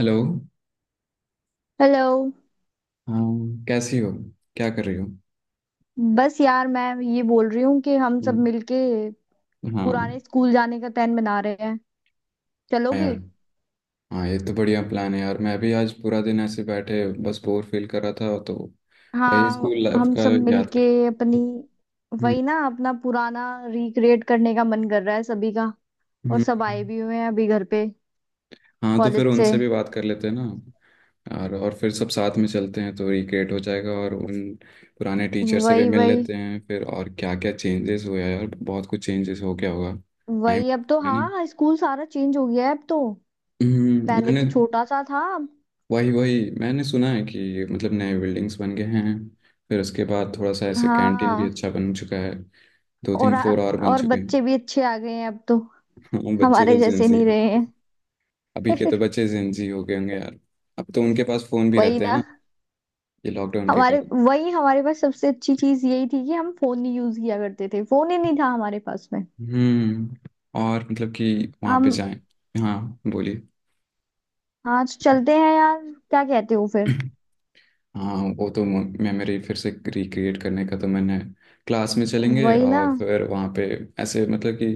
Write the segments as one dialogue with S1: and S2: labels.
S1: Hello.
S2: Hello.
S1: हाँ, कैसी हो? क्या कर रही हो?
S2: बस यार मैं ये बोल रही हूँ कि हम सब
S1: हम्म।
S2: मिलके
S1: हाँ।
S2: पुराने स्कूल जाने का प्लान बना रहे हैं।
S1: हाँ यार।
S2: चलोगे?
S1: हाँ ये तो बढ़िया प्लान है यार, मैं भी आज पूरा दिन ऐसे बैठे बस बोर फील कर रहा था तो वही
S2: हाँ,
S1: स्कूल लाइफ
S2: हम
S1: का
S2: सब
S1: याद
S2: मिलके
S1: कर।
S2: अपनी,
S1: हम्म।
S2: वही ना, अपना पुराना रिक्रिएट करने का मन कर रहा है सभी का। और
S1: हम्म।
S2: सब आए भी हुए हैं अभी घर पे,
S1: हाँ तो फिर
S2: कॉलेज से।
S1: उनसे भी बात कर लेते हैं ना, और फिर सब साथ में चलते हैं तो रिक्रिएट हो जाएगा, और उन पुराने टीचर से भी
S2: वही,
S1: मिल
S2: वही,
S1: लेते हैं फिर। और क्या क्या चेंजेस हुआ यार, बहुत कुछ चेंजेस हो गया होगा। टाइम
S2: वही। अब तो
S1: है ना।
S2: हाँ, स्कूल सारा चेंज हो गया है अब तो। पहले
S1: मैंने
S2: तो छोटा सा था अब।
S1: वही वही मैंने सुना है कि मतलब नए बिल्डिंग्स बन गए हैं, फिर उसके बाद थोड़ा सा ऐसे कैंटीन भी
S2: हाँ।
S1: अच्छा बन चुका है, दो
S2: और
S1: तीन फ्लोर और बन
S2: और
S1: चुके हैं।
S2: बच्चे भी अच्छे आ गए हैं अब तो,
S1: हाँ, बच्चे तो
S2: हमारे जैसे
S1: जेंजी।
S2: नहीं रहे हैं।
S1: अभी के तो बच्चे जेंजी हो गए होंगे यार। अब तो उनके पास फोन भी
S2: वही
S1: रहते हैं
S2: ना।
S1: ना, ये लॉकडाउन के
S2: हमारे
S1: कारण।
S2: वही, हमारे पास सबसे अच्छी चीज यही थी कि हम फोन नहीं यूज किया करते थे, फोन ही नहीं था हमारे पास में।
S1: हम्म। और मतलब कि वहाँ पे
S2: हम
S1: जाएं। हाँ। बोलिए।
S2: आज चलते हैं यार। क्या कहते हो फिर?
S1: हाँ वो तो मेमोरी फिर से रिक्रिएट करने का तो मैंने क्लास में चलेंगे
S2: वही ना।
S1: और फिर वहाँ पे ऐसे मतलब कि।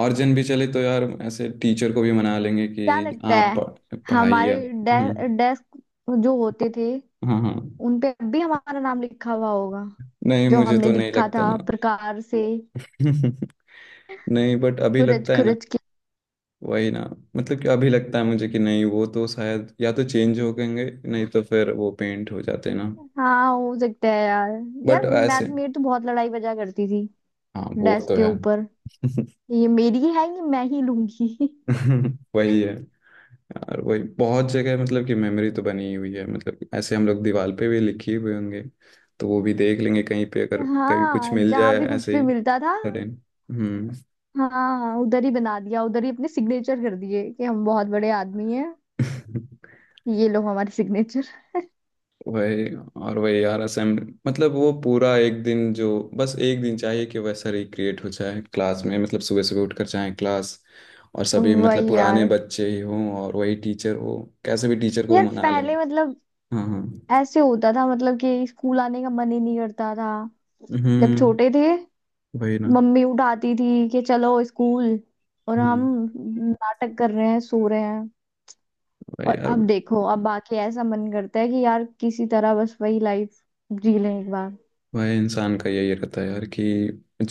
S1: और जन भी चले तो यार ऐसे टीचर को भी मना लेंगे
S2: क्या
S1: कि
S2: लगता
S1: आप
S2: है,
S1: पढ़ाइए।
S2: हमारे
S1: हम्म।
S2: डेस्क जो होते थे
S1: हाँ हाँ।
S2: उन पे अब भी हमारा नाम लिखा हुआ होगा,
S1: नहीं
S2: जो
S1: मुझे
S2: हमने
S1: तो नहीं
S2: लिखा
S1: लगता
S2: था
S1: ना।
S2: प्रकार से,
S1: नहीं बट अभी
S2: खुरच
S1: लगता है ना।
S2: खुरच के।
S1: वही ना, मतलब कि अभी लगता है मुझे कि नहीं वो तो शायद या तो चेंज हो गएंगे, नहीं तो फिर वो पेंट हो जाते हैं ना।
S2: हाँ, हो सकता है यार। यार
S1: बट
S2: मैं
S1: ऐसे।
S2: मेरी तो बहुत लड़ाई बजा करती थी
S1: हाँ वो
S2: डेस्क
S1: तो
S2: के
S1: है।
S2: ऊपर। ये मेरी है, ये मैं ही लूंगी।
S1: वही है यार। वही बहुत जगह मतलब कि मेमोरी तो बनी ही हुई है, मतलब ऐसे हम लोग दीवार पे भी लिखी हुए होंगे, तो वो भी देख लेंगे कहीं पे अगर कभी कुछ
S2: हाँ,
S1: मिल
S2: जहाँ
S1: जाए
S2: भी कुछ
S1: ऐसे
S2: भी
S1: ही
S2: मिलता था,
S1: सडन। हम्म।
S2: हाँ, उधर ही बना दिया, उधर ही अपने सिग्नेचर कर दिए कि हम बहुत बड़े आदमी हैं। ये लो हमारे सिग्नेचर।
S1: वही। और वही यार असेंबली मतलब वो पूरा एक दिन जो, बस एक दिन चाहिए कि वैसा रिक्रिएट हो जाए क्लास में। मतलब सुबह सुबह उठ कर जाए क्लास, और सभी मतलब
S2: वही
S1: पुराने
S2: यार।
S1: बच्चे ही हों और वही टीचर हो। कैसे भी टीचर को वो
S2: यार,
S1: मना लेंगे।
S2: पहले मतलब
S1: हाँ हाँ।
S2: ऐसे होता था, मतलब कि स्कूल आने का मन ही नहीं करता था जब
S1: हम्म।
S2: छोटे थे।
S1: वही ना।
S2: मम्मी उठाती थी कि चलो स्कूल, और हम
S1: हम्म।
S2: नाटक कर रहे हैं, सो रहे हैं।
S1: भाई
S2: और
S1: यार।
S2: अब देखो, अब आके ऐसा मन करता है कि यार किसी तरह बस वही लाइफ जी लें एक बार।
S1: भाई इंसान का यही रहता है यार कि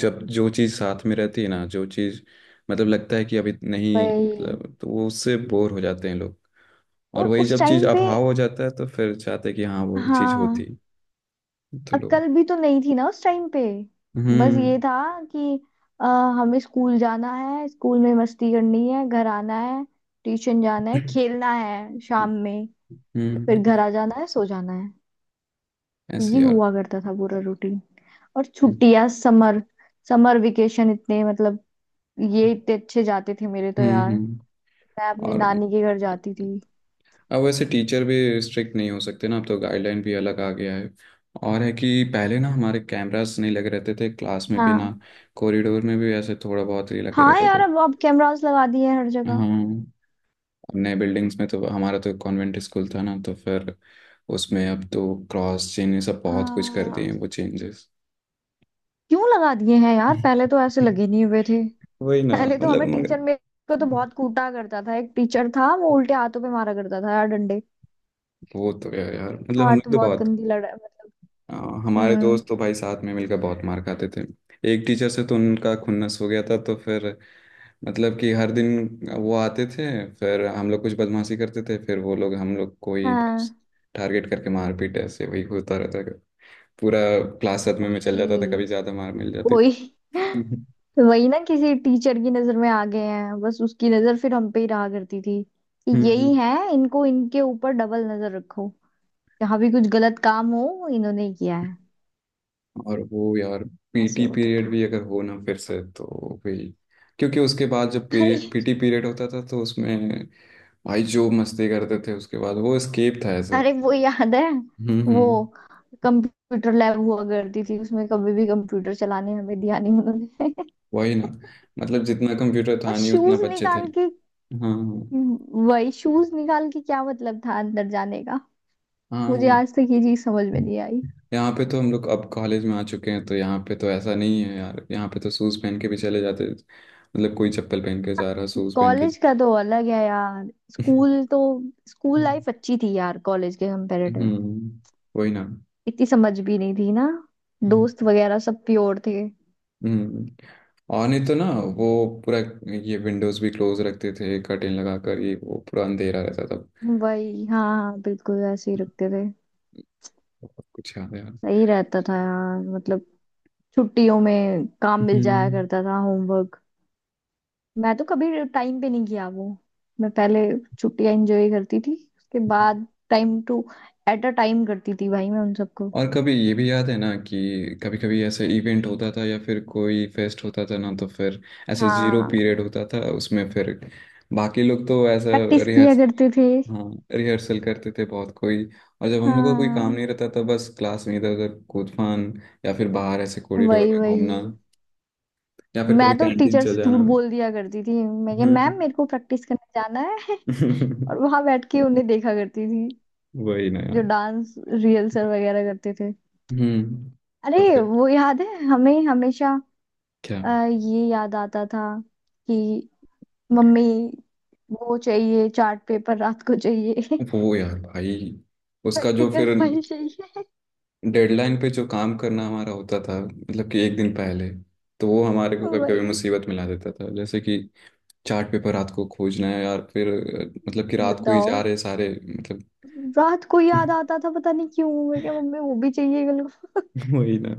S1: जब जो चीज़ साथ में रहती है ना, जो चीज़ मतलब लगता है कि अभी नहीं
S2: वही।
S1: मतलब, तो वो उससे बोर हो जाते हैं लोग। और
S2: और
S1: वही
S2: उस
S1: जब चीज़
S2: टाइम पे,
S1: अभाव हो जाता है तो फिर चाहते हैं कि हाँ वो चीज़ होती
S2: हाँ,
S1: तो। लोग।
S2: अक्ल भी तो नहीं थी ना उस टाइम पे। बस
S1: हम्म।
S2: ये था कि अ, हमें स्कूल जाना है, स्कूल में मस्ती करनी है, घर आना है, ट्यूशन जाना है, खेलना है शाम
S1: हम्म।
S2: में, फिर
S1: हम्म,
S2: घर आ जाना है, सो जाना है।
S1: ऐसे
S2: ये
S1: यार।
S2: हुआ करता था पूरा रूटीन। और
S1: हम्म।
S2: छुट्टियां, समर समर वेकेशन इतने मतलब, ये इतने अच्छे जाते थे मेरे तो
S1: हम्म।
S2: यार।
S1: हम्म।
S2: मैं अपने
S1: और
S2: नानी के घर जाती थी।
S1: अब वैसे टीचर भी स्ट्रिक्ट नहीं हो सकते ना, अब तो गाइडलाइन भी अलग आ गया है। और है कि पहले ना हमारे कैमरास नहीं लगे रहते थे क्लास में भी
S2: हाँ
S1: ना, कॉरिडोर में भी ऐसे थोड़ा बहुत ही लगे
S2: हाँ।
S1: रहते
S2: यार
S1: थे।
S2: अब कैमरास लगा दिए हैं हर जगह।
S1: हाँ। नए बिल्डिंग्स में तो, हमारा तो कॉन्वेंट स्कूल था ना, तो फिर उसमें अब तो क्रॉस चेन ये सब बहुत कुछ कर दिए
S2: हाँ।
S1: हैं वो चेंजेस।
S2: क्यों लगा दिए हैं यार, पहले तो ऐसे लगे नहीं हुए थे।
S1: वही ना।
S2: पहले तो
S1: मतलब
S2: हमें
S1: मगर
S2: टीचर मेरे को तो बहुत कूटा करता था। एक टीचर था, वो उल्टे हाथों पे मारा करता था यार डंडे।
S1: वो तो है यार। मतलब हम
S2: हमारे
S1: लोग
S2: तो
S1: तो
S2: बहुत
S1: बहुत।
S2: गंदी लड़ा मतलब।
S1: आ, हमारे
S2: हम्म।
S1: दोस्त तो भाई साथ में मिलकर बहुत मार खाते थे। एक टीचर से तो उनका खुन्नस हो गया था तो फिर मतलब कि हर दिन वो आते थे, फिर हम लोग कुछ बदमाशी करते थे फिर वो लोग हम लोग को ही बस
S2: हाँ
S1: टारगेट करके मारपीट ऐसे वही होता रहता था। पूरा क्लास सदमे में चल जाता था
S2: वही,
S1: कभी ज़्यादा मार मिल जाती थी।
S2: कोई।
S1: हम्म।
S2: वही ना, किसी टीचर की नजर में आ गए हैं, बस उसकी नजर फिर हम पे ही रहा करती थी कि
S1: हम्म।
S2: यही है। इनको इनके ऊपर डबल नजर रखो, जहाँ भी कुछ गलत काम हो इन्होंने ही किया है।
S1: और वो यार
S2: ऐसे
S1: PT
S2: होता
S1: पीरियड
S2: था।
S1: भी अगर हो ना फिर से तो भी, क्योंकि उसके बाद जब PT पीरियड होता था तो उसमें भाई जो मस्ती करते थे उसके बाद वो स्केप था ऐसे।
S2: अरे वो याद है?
S1: हम्म।
S2: वो
S1: हम्म।
S2: कंप्यूटर लैब हुआ करती थी, उसमें कभी भी कंप्यूटर चलाने हमें दिया नहीं उन्होंने।
S1: वही ना। मतलब जितना कंप्यूटर
S2: और
S1: था नहीं उतना
S2: शूज
S1: बच्चे थे।
S2: निकाल के,
S1: हाँ।
S2: वही शूज निकाल के क्या मतलब था अंदर जाने का? मुझे
S1: हाँ।
S2: आज तक ये चीज समझ में नहीं आई।
S1: यहाँ पे तो हम लोग अब कॉलेज में आ चुके हैं तो यहाँ पे तो ऐसा नहीं है यार, यहाँ पे तो शूज पहन के भी चले जाते, मतलब कोई चप्पल पहन के जा रहा शूज पहन के।
S2: कॉलेज का तो अलग है यार। स्कूल तो स्कूल
S1: हम्म।
S2: लाइफ अच्छी थी यार, कॉलेज के कंपैरेटिव।
S1: वही ना।
S2: इतनी समझ भी नहीं थी ना।
S1: हम्म।
S2: दोस्त वगैरह सब प्योर थे।
S1: हम्म। और नहीं तो ना वो पूरा ये विंडोज भी क्लोज रखते थे, कर्टेन लगा कर, ये वो पूरा अंधेरा रहता था।
S2: वही, हाँ हाँ, बिल्कुल ऐसे ही रखते थे।
S1: बहुत कुछ याद है यार।
S2: सही रहता था यार, मतलब छुट्टियों में काम मिल जाया
S1: हम्म।
S2: करता था, होमवर्क। मैं तो कभी टाइम पे नहीं किया वो। मैं पहले छुट्टियां एंजॉय करती थी, उसके बाद time to at a time करती थी भाई मैं उन सबको।
S1: और कभी ये भी याद है ना कि कभी कभी ऐसा इवेंट होता था या फिर कोई फेस्ट होता था ना, तो फिर ऐसा जीरो
S2: हाँ,
S1: पीरियड होता था उसमें फिर बाकी लोग तो ऐसा
S2: प्रैक्टिस किया
S1: रिहर्स।
S2: करते थे।
S1: हाँ रिहर्सल करते थे बहुत कोई। और जब हम लोग का कोई काम
S2: हाँ
S1: नहीं रहता था बस क्लास में इधर उधर कूद फान, या फिर बाहर ऐसे कॉरिडोर
S2: वही
S1: में घूमना,
S2: वही।
S1: या फिर कभी
S2: मैं तो
S1: कैंटीन
S2: टीचर
S1: चल
S2: से
S1: जाना।
S2: झूठ बोल दिया करती थी, मैं क्या
S1: हम्म।
S2: मैम मेरे को प्रैक्टिस करने जाना है। और वहां बैठ के उन्हें देखा करती थी
S1: वही ना
S2: जो
S1: यार।
S2: डांस रिहर्सल वगैरह करते थे।
S1: हम्म। और
S2: अरे
S1: फिर
S2: वो याद है हमें हमेशा।
S1: क्या
S2: ये याद आता था कि मम्मी वो चाहिए, चार्ट पेपर रात को चाहिए।
S1: वो यार भाई, उसका जो
S2: प्रैक्टिकल
S1: फिर
S2: फाइल चाहिए।
S1: डेडलाइन पे जो काम करना हमारा होता था, मतलब कि एक दिन पहले, तो वो हमारे को कभी कभी
S2: भाई
S1: मुसीबत मिला देता था। जैसे कि चार्ट पेपर रात को खोजना है यार, फिर मतलब कि रात को ही
S2: बताओ,
S1: जा रहे सारे मतलब।
S2: रात को याद आता था पता नहीं क्यों, मैं क्या मम्मी वो भी चाहिए मेरे को।
S1: वही ना।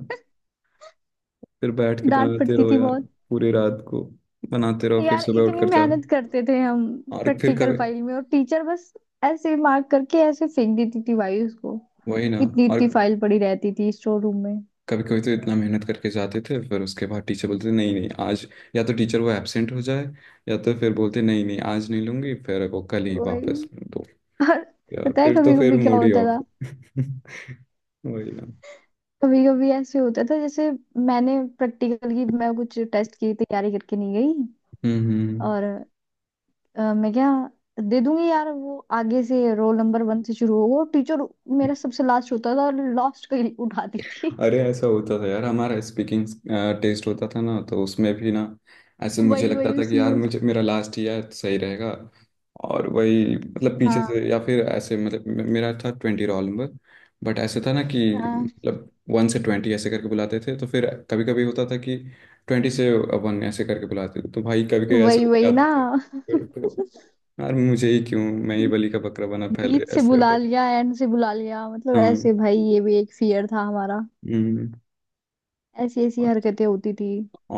S1: फिर बैठ के
S2: डांट
S1: बनाते
S2: पड़ती
S1: रहो
S2: थी
S1: यार
S2: बहुत।
S1: पूरी रात को, बनाते रहो फिर
S2: यार
S1: सुबह उठ
S2: इतनी
S1: कर जाओ।
S2: मेहनत करते थे हम
S1: और फिर
S2: प्रैक्टिकल
S1: कभी
S2: फाइल में, और टीचर बस ऐसे मार्क करके ऐसे फेंक देती थी भाई उसको।
S1: वही ना।
S2: इतनी
S1: और
S2: इतनी फाइल पड़ी रहती थी स्टोर रूम में।
S1: कभी कभी तो इतना मेहनत करके जाते थे, फिर उसके बाद टीचर बोलते थे, नहीं नहीं आज, या तो टीचर वो एब्सेंट हो जाए, या तो फिर बोलते नहीं नहीं आज नहीं लूंगी, फिर वो कल ही
S2: वही।
S1: वापस। तो
S2: और
S1: यार
S2: पता है
S1: फिर तो
S2: कभी
S1: फिर
S2: कभी क्या
S1: मूड ही
S2: होता
S1: ऑफ।
S2: था?
S1: वही ना।
S2: कभी कभी ऐसे होता था जैसे, मैंने प्रैक्टिकल की, मैं कुछ टेस्ट की तैयारी करके नहीं गई।
S1: हम्म। हम्म।
S2: और मैं क्या दे दूंगी यार, वो आगे से रोल नंबर 1 से शुरू होगा टीचर, मेरा सबसे लास्ट होता था और लास्ट का ही उठाती थी।
S1: अरे ऐसा होता था यार, हमारा स्पीकिंग टेस्ट होता था ना तो उसमें भी ना, ऐसे मुझे
S2: वही
S1: लगता
S2: वही
S1: था कि
S2: उसी
S1: यार
S2: में।
S1: मुझे मेरा लास्ट ईयर सही रहेगा। और वही मतलब पीछे
S2: हाँ
S1: से या फिर ऐसे मतलब मेरा था 20 रोल नंबर। बट ऐसे था ना कि
S2: हाँ।
S1: मतलब 1 से 20 ऐसे करके बुलाते थे, तो फिर कभी कभी होता था कि 20 से 1 ऐसे करके बुलाते थे, तो भाई कभी कभी ऐसे
S2: वही
S1: हो
S2: वही
S1: जाता
S2: ना,
S1: था। यार मुझे ही क्यों, मैं ही बलि का बकरा बना, पहले
S2: बीच से
S1: ऐसे होता
S2: बुला
S1: था।
S2: लिया, एंड से बुला लिया, मतलब
S1: हाँ।
S2: ऐसे भाई ये भी एक फियर था हमारा।
S1: हम्म।
S2: ऐसी ऐसी
S1: और
S2: हरकतें होती थी।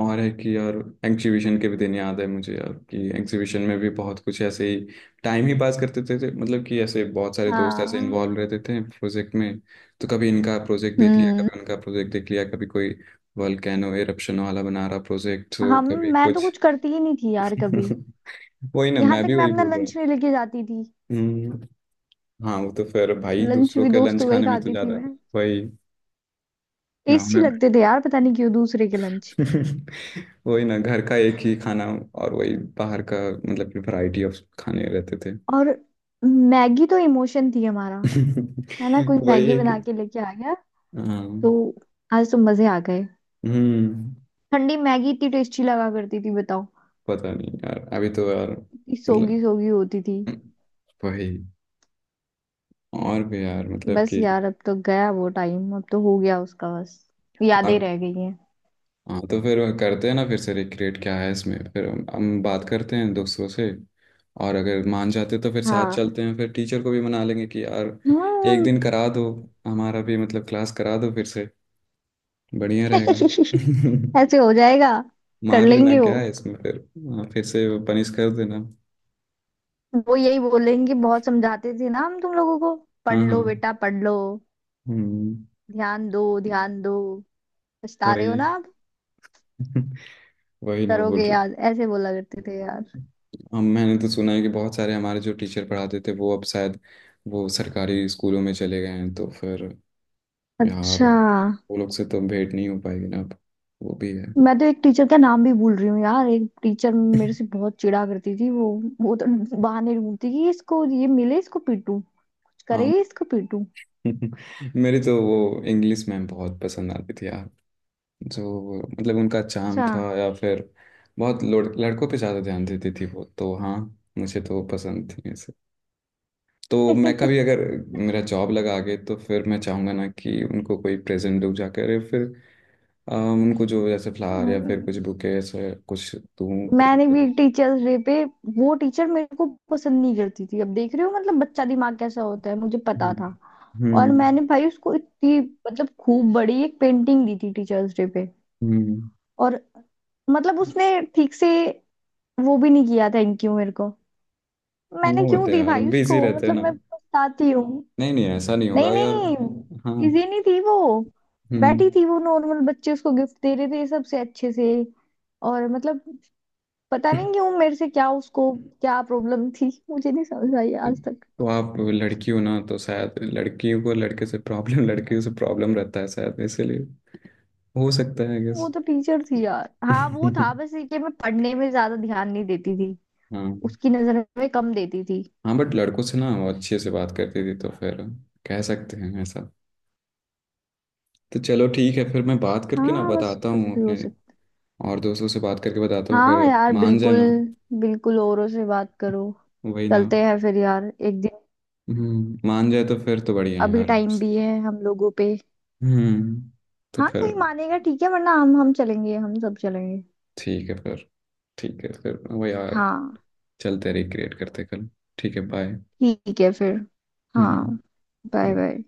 S1: और है कि यार एग्जीबिशन के भी दिन याद है मुझे यार, कि एग्जीबिशन में भी बहुत कुछ ऐसे ही टाइम ही पास करते थे मतलब कि ऐसे बहुत सारे दोस्त ऐसे
S2: हाँ।
S1: इन्वॉल्व रहते थे प्रोजेक्ट में। तो कभी इनका प्रोजेक्ट देख लिया,
S2: हम्म।
S1: कभी उनका प्रोजेक्ट देख लिया, कभी कोई वोल्केनो एरप्शन वाला बना रहा प्रोजेक्ट, तो
S2: हम
S1: कभी
S2: मैं तो
S1: कुछ।
S2: कुछ करती ही नहीं थी यार कभी।
S1: वही ना,
S2: यहाँ
S1: मैं
S2: तक
S1: भी
S2: मैं
S1: वही
S2: अपना
S1: बोल रहा
S2: लंच
S1: हूँ।
S2: नहीं लेके जाती थी।
S1: हम्म। हाँ वो तो फिर भाई
S2: लंच
S1: दूसरों
S2: भी
S1: के लंच
S2: दोस्तों का ही
S1: खाने में तो
S2: खाती थी
S1: ज़्यादा
S2: मैं।
S1: वही ग्राउंड
S2: टेस्टी
S1: में।
S2: लगते थे यार, पता नहीं क्यों दूसरे के लंच।
S1: वही ना घर का एक ही खाना, और वही बाहर का मतलब कि वैरायटी ऑफ खाने रहते थे।
S2: और मैगी तो इमोशन थी हमारा। है ना? कोई
S1: वही
S2: मैगी
S1: एक।
S2: बना के लेके आ गया तो
S1: हाँ।
S2: आज तो मजे आ गए।
S1: हम्म।
S2: ठंडी मैगी इतनी टेस्टी लगा करती थी बताओ।
S1: पता नहीं यार अभी तो यार
S2: इतनी
S1: मतलब
S2: सोगी सोगी होती थी।
S1: वही और भी यार मतलब
S2: बस
S1: कि
S2: यार अब तो गया वो टाइम, अब तो हो गया उसका बस, यादें
S1: आप।
S2: रह गई हैं।
S1: हाँ तो फिर करते हैं ना फिर से रिक्रिएट, क्या है इसमें, फिर हम बात करते हैं दोस्तों से। और अगर मान जाते तो फिर साथ
S2: हाँ
S1: चलते हैं, फिर टीचर को भी मना लेंगे कि यार एक दिन
S2: हाँ।
S1: करा दो, हमारा भी मतलब क्लास करा दो फिर से, बढ़िया रहेगा।
S2: ऐसे हो जाएगा, कर
S1: मार लेना
S2: लेंगे वो।
S1: क्या है इसमें फिर। हाँ, फिर से पनिश कर देना।
S2: वो यही बोलेंगे, बहुत समझाते थे ना हम तुम लोगों को, पढ़
S1: हाँ हाँ।
S2: लो बेटा पढ़ लो,
S1: हम्म।
S2: ध्यान दो ध्यान दो, पछता रहे हो
S1: वही।
S2: ना आप,
S1: वही ना बोल
S2: करोगे
S1: रहे।
S2: याद, ऐसे बोला करते थे यार।
S1: हम मैंने तो सुना है कि बहुत सारे हमारे जो टीचर पढ़ाते थे वो अब शायद वो सरकारी स्कूलों में चले गए हैं, तो फिर यार
S2: अच्छा।
S1: वो लोग से तो भेंट नहीं हो पाएगी ना अब। वो भी है।
S2: मैं तो एक टीचर का नाम भी भूल रही हूँ यार। एक टीचर मेरे से बहुत चिढ़ा करती थी वो। वो तो बहाने ढूंढती कि इसको ये मिले इसको पीटूं, कुछ करे
S1: हाँ।
S2: इसको पीटूं।
S1: मेरी तो वो इंग्लिश मैम बहुत पसंद आती थी यार, जो मतलब उनका चार्म था या फिर बहुत लड़कों पे ज़्यादा ध्यान देती थी वो तो। हाँ, मुझे तो पसंद थी ऐसे। तो
S2: अच्छा।
S1: मैं कभी अगर मेरा जॉब लगा आगे तो फिर मैं चाहूँगा ना कि उनको कोई प्रेजेंट दूँ जाकर, या फिर उनको जो जैसे फ्लावर या फिर कुछ बुके ऐसे कुछ दूँ पैसे
S2: मैंने भी
S1: पैसे।
S2: टीचर्स डे पे, वो टीचर मेरे को पसंद नहीं करती थी, अब देख रहे हो मतलब बच्चा दिमाग कैसा होता है, मुझे पता था।
S1: हम्म।
S2: और
S1: हम्म।
S2: मैंने भाई उसको इतनी, मतलब खूब बड़ी एक पेंटिंग दी थी टीचर्स डे पे।
S1: हम्म।
S2: और मतलब उसने ठीक से वो भी नहीं किया, थैंक यू मेरे को।
S1: हाँ,
S2: मैंने
S1: वो
S2: क्यों
S1: होते
S2: दी
S1: हैं यार
S2: भाई उसको,
S1: बिजी रहते हैं
S2: मतलब
S1: ना।
S2: मैं पछताती हूँ।
S1: नहीं नहीं ऐसा नहीं
S2: नहीं
S1: होगा यार।
S2: नहीं,
S1: हाँ।
S2: बिजी नहीं थी वो। बैठी
S1: हम्म।
S2: थी वो, नॉर्मल बच्चे उसको गिफ्ट दे रहे थे सबसे अच्छे से। और मतलब पता नहीं क्यों मेरे से क्या उसको क्या प्रॉब्लम थी, मुझे नहीं समझ आई आज तक।
S1: तो आप लड़की हो ना, तो शायद लड़कियों को लड़के से प्रॉब्लम, लड़कियों से प्रॉब्लम रहता है शायद, इसीलिए हो सकता है, आई
S2: वो
S1: गेस।
S2: तो टीचर थी यार। हाँ, वो था बस ये कि मैं पढ़ने में ज्यादा ध्यान नहीं देती थी,
S1: हाँ
S2: उसकी नजर में कम देती थी।
S1: हाँ। बट लड़कों से ना वो अच्छे से बात करती थी, तो फिर कह सकते हैं ऐसा। तो चलो ठीक है फिर, मैं बात करके ना
S2: हाँ, बस
S1: बताता
S2: कुछ
S1: हूँ
S2: भी हो
S1: अपने
S2: सकता।
S1: और दोस्तों से बात करके बताता हूँ
S2: हाँ
S1: अगर
S2: यार,
S1: मान जाए
S2: बिल्कुल
S1: ना।
S2: बिल्कुल, औरों से बात करो।
S1: वही ना।
S2: चलते हैं फिर यार एक दिन।
S1: हम्म। मान जाए तो फिर तो बढ़िया है
S2: अभी
S1: यार।
S2: टाइम भी है हम लोगों पे।
S1: हम्म। तो
S2: हाँ,
S1: फिर
S2: कोई मानेगा ठीक है, वरना हम चलेंगे, हम सब चलेंगे।
S1: ठीक है फिर। ठीक है फिर वही यार,
S2: हाँ,
S1: चलते रिक्रिएट करते कल। ठीक है, बाय।
S2: ठीक है फिर। हाँ।
S1: हम्म।
S2: Bye bye.